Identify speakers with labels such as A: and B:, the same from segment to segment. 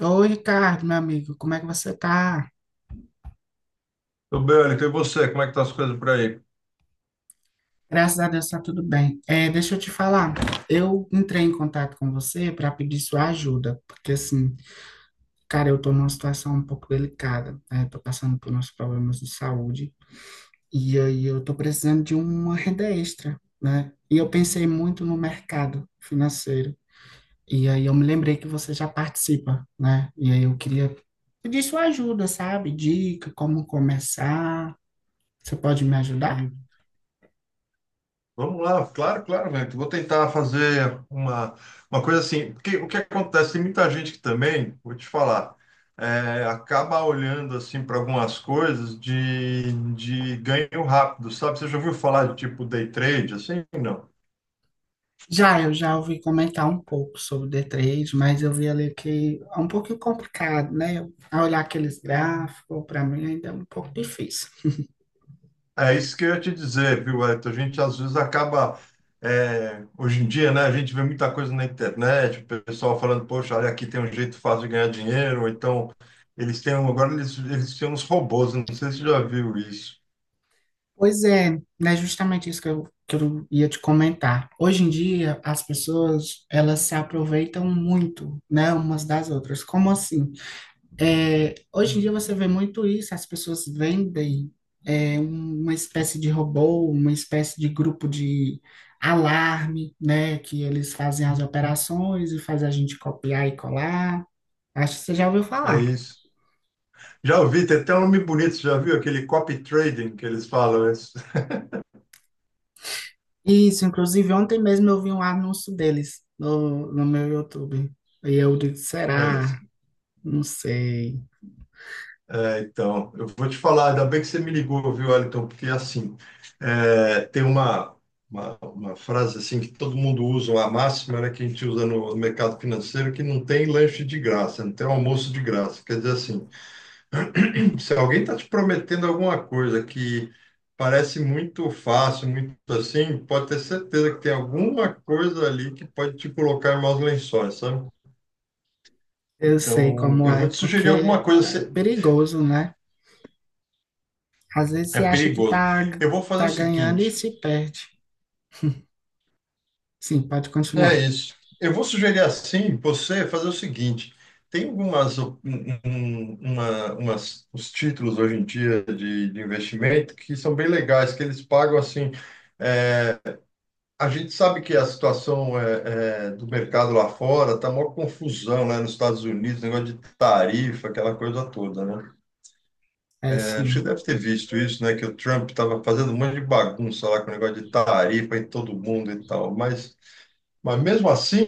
A: Oi, Ricardo, meu amigo, como é que você tá?
B: Tudo bem, Wellington, e você? Como é que tá as coisas por aí?
A: Graças a Deus tá tudo bem. É, deixa eu te falar, eu entrei em contato com você para pedir sua ajuda, porque assim, cara, eu tô numa situação um pouco delicada, né? Tô passando por uns problemas de saúde e aí eu tô precisando de uma renda extra, né? E eu pensei muito no mercado financeiro e aí eu me lembrei que você já participa, né? E aí eu queria pedir sua ajuda, sabe? Dica, como começar. Você pode me ajudar?
B: Sim. Vamos lá, claro, claro, Wellington. Vou tentar fazer uma coisa assim, porque o que acontece, tem muita gente que também, vou te falar, acaba olhando assim para algumas coisas de ganho rápido, sabe? Você já ouviu falar de tipo day trade, assim? Não.
A: Já, eu já ouvi comentar um pouco sobre o D3, mas eu vi ali que é um pouquinho complicado, né? A olhar aqueles gráficos, para mim ainda é um pouco difícil.
B: É isso que eu ia te dizer, viu, Elton? A gente às vezes acaba, hoje em dia, né? A gente vê muita coisa na internet, o pessoal falando, poxa, olha, aqui tem um jeito fácil de ganhar dinheiro, ou então eles têm, agora eles têm uns robôs, não sei se você já viu isso.
A: Pois é, né? Justamente isso que eu ia te comentar. Hoje em dia, as pessoas, elas se aproveitam muito, né? Umas das outras. Como assim? É, hoje em dia você vê muito isso, as pessoas vendem uma espécie de robô, uma espécie de grupo de alarme, né? Que eles fazem as operações e faz a gente copiar e colar. Acho que você já ouviu
B: É
A: falar.
B: isso. Já ouvi, tem até um nome bonito, você já viu aquele copy trading que eles falam? Isso.
A: Isso, inclusive ontem mesmo eu vi um anúncio deles no meu YouTube. E eu disse,
B: Olha só.
A: será? Não sei.
B: É, então, eu vou te falar, ainda bem que você me ligou, viu, Wellington? Porque assim, é, tem uma frase assim que todo mundo usa, uma máxima, né, que a gente usa no mercado financeiro, que não tem lanche de graça, não tem almoço de graça. Quer dizer assim, se alguém está te prometendo alguma coisa que parece muito fácil, muito assim, pode ter certeza que tem alguma coisa ali que pode te colocar em maus lençóis, sabe?
A: Eu sei
B: Então,
A: como
B: eu vou
A: é,
B: te sugerir
A: porque
B: alguma coisa,
A: é perigoso, né? Às vezes
B: é
A: você acha que
B: perigoso.
A: tá,
B: Eu vou fazer o
A: tá ganhando e
B: seguinte.
A: se perde. Sim, pode
B: É
A: continuar.
B: isso. Eu vou sugerir assim, você fazer o seguinte: tem algumas, um- uma, umas, os títulos hoje em dia de investimento que são bem legais, que eles pagam assim. A gente sabe que a situação do mercado lá fora tá maior confusão, né? Nos Estados Unidos, negócio de tarifa, aquela coisa toda, né?
A: É
B: É, acho que você
A: sim.
B: deve ter visto isso, né? Que o Trump estava fazendo um monte de bagunça lá com o negócio de tarifa em todo mundo e tal, mas mesmo assim,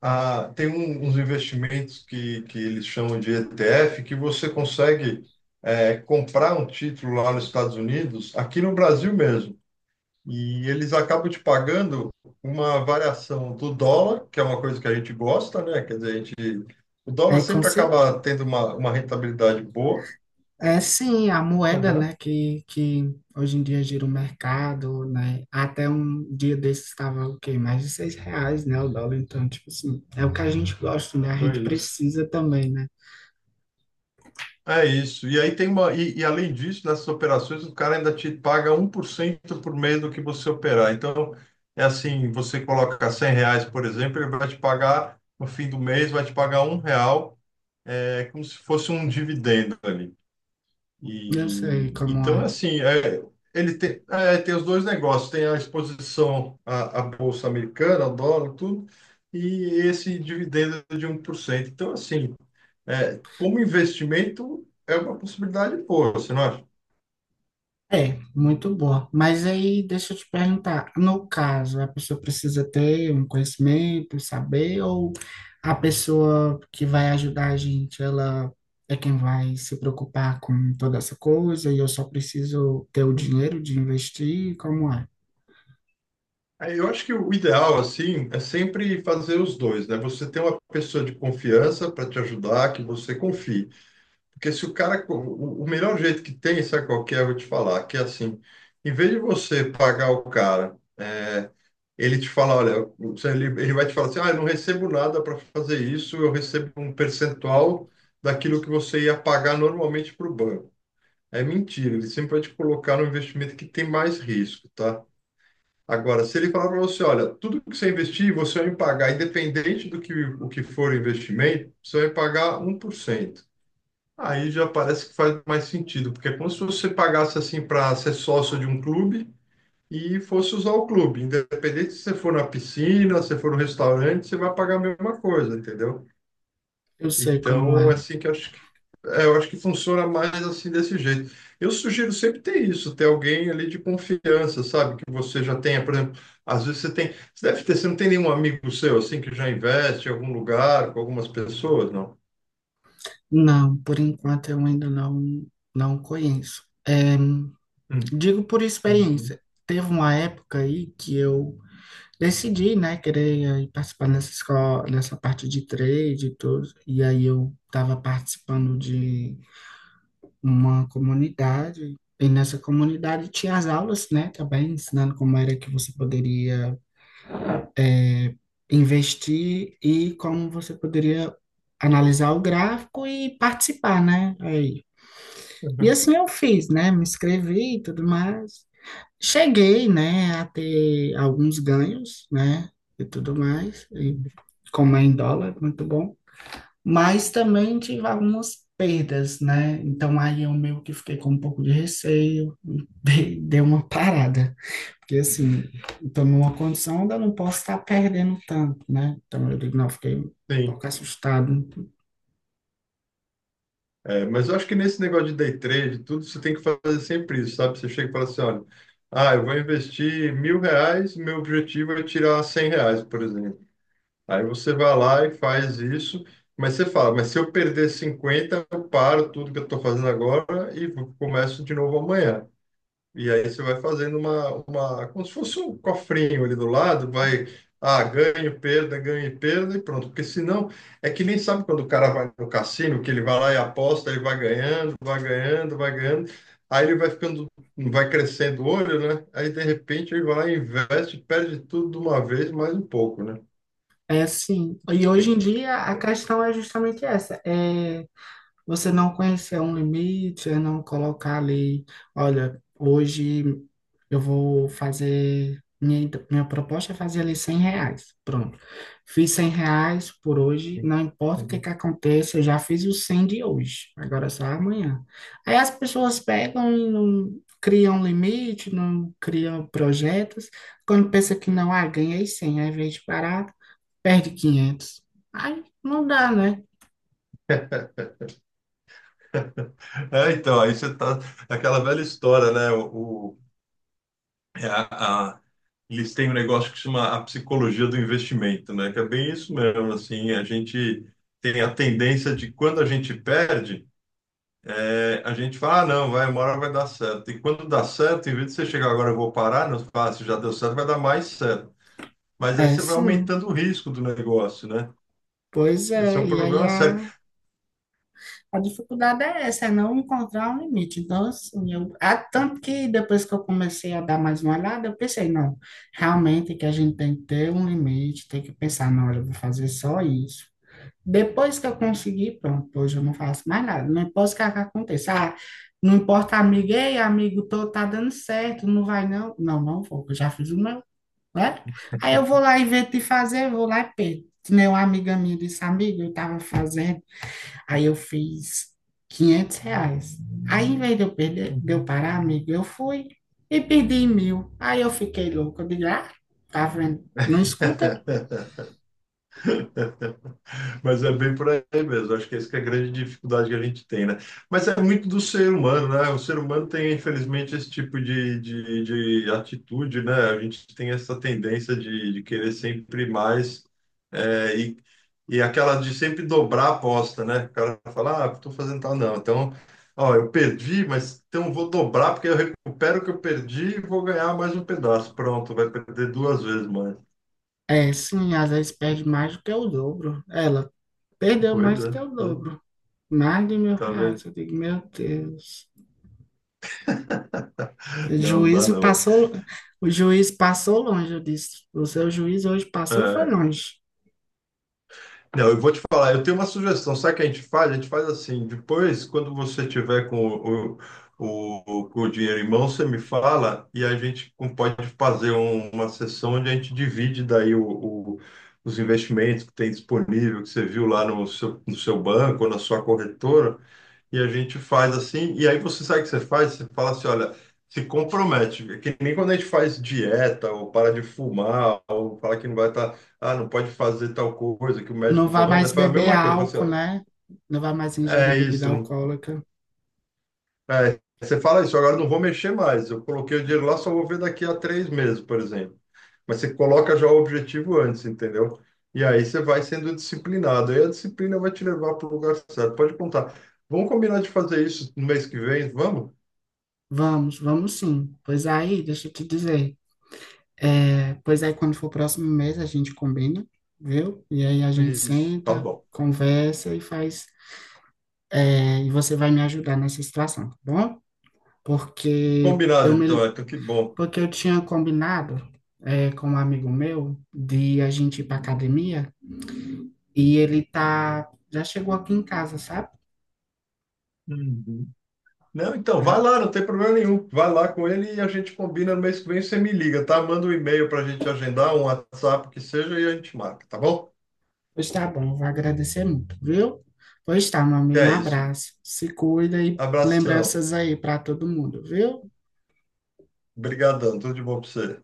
B: ah, tem uns investimentos que eles chamam de ETF, que você consegue comprar um título lá nos Estados Unidos, aqui no Brasil mesmo. E eles acabam te pagando uma variação do dólar, que é uma coisa que a gente gosta, né? Quer dizer, a gente, o dólar
A: É, com
B: sempre
A: cer-
B: acaba tendo uma rentabilidade boa.
A: É sim, a moeda,
B: Aham.
A: né, que hoje em dia gira o mercado, né? Até um dia desses estava o quê? Mais de R$ 6, né, o dólar. Então, tipo assim, é o que a gente gosta, né? A gente
B: Foi isso.
A: precisa também, né?
B: É isso. E aí tem uma. E além disso, nessas operações, o cara ainda te paga 1% por mês do que você operar. Então, é assim, você coloca R$ 100, por exemplo, ele vai te pagar, no fim do mês, vai te pagar R$ 1, é como se fosse um dividendo ali.
A: Eu sei
B: E,
A: como
B: então,
A: é.
B: assim, ele tem os dois negócios, tem a exposição à Bolsa Americana, ao dólar, tudo, e esse dividendo de 1%. Então, assim, é, como investimento, é uma possibilidade boa, você não acha?
A: É, muito boa. Mas aí, deixa eu te perguntar, no caso, a pessoa precisa ter um conhecimento, saber, ou a pessoa que vai ajudar a gente, ela é quem vai se preocupar com toda essa coisa e eu só preciso ter o
B: Hum.
A: dinheiro de investir? Como é?
B: Eu acho que o ideal, assim, é sempre fazer os dois, né? Você tem uma pessoa de confiança para te ajudar, que você confie. Porque se o cara. O melhor jeito que tem, sabe qual que é? Eu vou te falar, que é assim, em vez de você pagar o cara, ele te fala, olha, você- ele vai te falar assim, ah, eu não recebo nada para fazer isso, eu recebo um percentual daquilo que você ia pagar normalmente para o banco. É mentira, ele sempre vai te colocar no investimento que tem mais risco, tá? Agora, se ele falar para você, olha, tudo que você investir, você vai me pagar, independente o que for o investimento, você vai me pagar 1%. Aí já parece que faz mais sentido, porque é como se você pagasse assim para ser sócio de um clube e fosse usar o clube. Independente se você for na piscina, se for no restaurante, você vai pagar a mesma coisa, entendeu?
A: Eu sei como
B: Então, é
A: é.
B: assim que eu acho que, eu acho que funciona mais assim desse jeito. Eu sugiro sempre ter isso, ter alguém ali de confiança, sabe? Que você já tenha, por exemplo, às vezes você deve ter, você não tem nenhum amigo seu assim que já investe em algum lugar com algumas pessoas, não?
A: Não, por enquanto eu ainda não conheço.
B: Hum.
A: Digo por experiência.
B: Uhum.
A: Teve uma época aí que eu decidi, né, querer aí participar nessa escola, nessa parte de trade e tudo. E aí eu estava participando de uma comunidade. E nessa comunidade tinha as aulas, né, também ensinando como era que você poderia é, investir e como você poderia analisar o gráfico e participar, né? Aí. E
B: Uhum.
A: assim eu fiz, né? Me inscrevi e tudo mais. Cheguei, né, a ter alguns ganhos, né, e tudo mais, e como é em dólar, muito bom, mas também tive algumas perdas, né, então aí eu meio que fiquei com um pouco de receio, dei uma parada, porque assim,
B: Uhum.
A: estou numa condição onde eu não posso estar perdendo tanto, né, então eu digo, não, fiquei um
B: Sim.
A: pouco assustado.
B: É, mas eu acho que nesse negócio de day trade, tudo você tem que fazer sempre isso, sabe? Você chega e fala assim, olha, ah, eu vou investir R$ 1.000, meu objetivo é tirar R$ 100, por exemplo. Aí você vai lá e faz isso, mas você fala, mas se eu perder 50, eu paro tudo que eu estou fazendo agora e começo de novo amanhã. E aí você vai fazendo como se fosse um cofrinho ali do lado, vai, ah, ganho, perda, ganho e perda e pronto. Porque senão, é que nem sabe quando o cara vai no cassino, que ele vai lá e aposta, ele vai ganhando, vai ganhando, vai ganhando. Aí ele vai ficando, vai crescendo o olho, né? Aí de repente ele vai lá e investe, perde tudo de uma vez, mais um pouco, né?
A: É assim, e
B: Isso
A: hoje em
B: tem-
A: dia a questão é justamente essa, é você não conhecer um limite, é não colocar ali, olha, hoje eu vou fazer, minha proposta é fazer ali R$ 100, pronto. Fiz R$ 100 por hoje, não importa o que que aconteça, eu já fiz os 100 de hoje, agora é só amanhã. Aí as pessoas pegam e não criam limite, não criam projetos, quando pensa que não, ah, ganhei 100 aí vez de parar, perde 500. Aí não dá, né?
B: É, então, aí você tá, é aquela velha história, né? o É a- eles têm um negócio que chama a psicologia do investimento, né? Que é bem isso mesmo, assim, a gente tem a tendência de quando a gente perde, a gente fala, ah, não, vai, uma hora vai dar certo. E quando dá certo, em vez de você chegar agora, eu vou parar, não, você fala, ah, se já deu certo, vai dar mais certo. Mas aí
A: É,
B: você vai
A: sim.
B: aumentando o risco do negócio, né?
A: Pois
B: Esse é
A: é,
B: um
A: e aí
B: problema sério.
A: a dificuldade é essa, é não encontrar um limite. Então, assim, eu, há tanto que depois que eu comecei a dar mais uma olhada, eu pensei, não, realmente que a gente tem que ter um limite, tem que pensar, não, olha, eu vou fazer só isso. Depois que eu conseguir, pronto, hoje eu não faço mais nada, não importa o que aconteça. Ah, não importa, amigo, ei, amigo, tô, tá dando certo, não vai não? Não, não vou, eu já fiz o meu, né? Aí eu vou lá, invento de fazer, eu vou lá e perco. Que nem uma amiga minha disse, amiga, eu tava fazendo. Aí eu fiz R$ 500. Aí, em vez de eu, perder, de eu
B: Uhum.
A: parar, amigo, eu fui e perdi 1.000. Aí eu fiquei louco. Eu digo, ah, tá vendo? Não escuta?
B: Mas é bem por aí mesmo. Acho que essa que é a grande dificuldade que a gente tem, né? Mas é muito do ser humano, né? O ser humano tem, infelizmente, esse tipo de atitude, né? A gente tem essa tendência de querer sempre mais é, e, e aquela de sempre dobrar a aposta, né? O cara fala, ah, estou fazendo tal, não. Então, ó, eu perdi, mas então vou dobrar porque eu recupero o que eu perdi e vou ganhar mais um pedaço. Pronto, vai perder duas vezes mais.
A: É, sim, às vezes perde mais do que o dobro. Ela perdeu mais do que o
B: Pois,
A: dobro.
B: é,
A: Mais de mil
B: tá
A: reais.
B: vendo?
A: Eu digo, meu Deus. O
B: Não, não dá
A: juízo
B: não. É,
A: passou, o juiz passou longe, eu disse. O seu juiz hoje passou, foi
B: é.
A: longe.
B: Não, eu vou te falar, eu tenho uma sugestão. Sabe o que a gente faz? A gente faz assim, depois, quando você tiver com o dinheiro em mão, você me fala e a gente pode fazer uma sessão onde a gente divide daí os investimentos que tem disponível, que você viu lá no seu banco ou na sua corretora, e a gente faz assim, e aí você sabe o que você faz? Você fala assim, olha, se compromete, que nem quando a gente faz dieta ou para de fumar ou fala que não vai estar ah, não pode fazer tal coisa que o
A: Não
B: médico
A: vai
B: manda,
A: mais
B: faz a
A: beber
B: mesma coisa, fala assim,
A: álcool,
B: olha,
A: né? Não vai mais ingerir
B: é
A: bebida
B: isso,
A: alcoólica.
B: você fala isso, agora eu não vou mexer mais, eu coloquei o dinheiro lá, só vou ver daqui a 3 meses, por exemplo. Mas você coloca já o objetivo antes, entendeu? E aí você vai sendo disciplinado, aí a disciplina vai te levar para o lugar certo, pode contar. Vamos combinar de fazer isso no mês que vem, vamos?
A: Vamos, vamos sim. Pois aí, deixa eu te dizer. É, pois aí, quando for o próximo mês, a gente combina, viu? E aí a gente
B: Isso, tá
A: senta,
B: bom.
A: conversa e faz. É, e você vai me ajudar nessa situação, tá bom? Porque
B: Combinado
A: eu
B: então,
A: me,
B: então que bom.
A: porque eu tinha combinado, é, com um amigo meu de a gente ir pra academia e ele tá, já chegou aqui em casa, sabe?
B: Uhum. Não, então, vai lá, não tem problema nenhum. Vai lá com ele e a gente combina no mês que vem. Você me liga, tá? Manda um e-mail para a gente agendar, um WhatsApp o que seja e a gente marca, tá bom?
A: Pois tá bom, vou agradecer muito, viu? Pois tá, meu amigo, um
B: É isso.
A: abraço. Se cuida e
B: Abração.
A: lembranças aí para todo mundo, viu?
B: Obrigadão. Tudo de bom para você.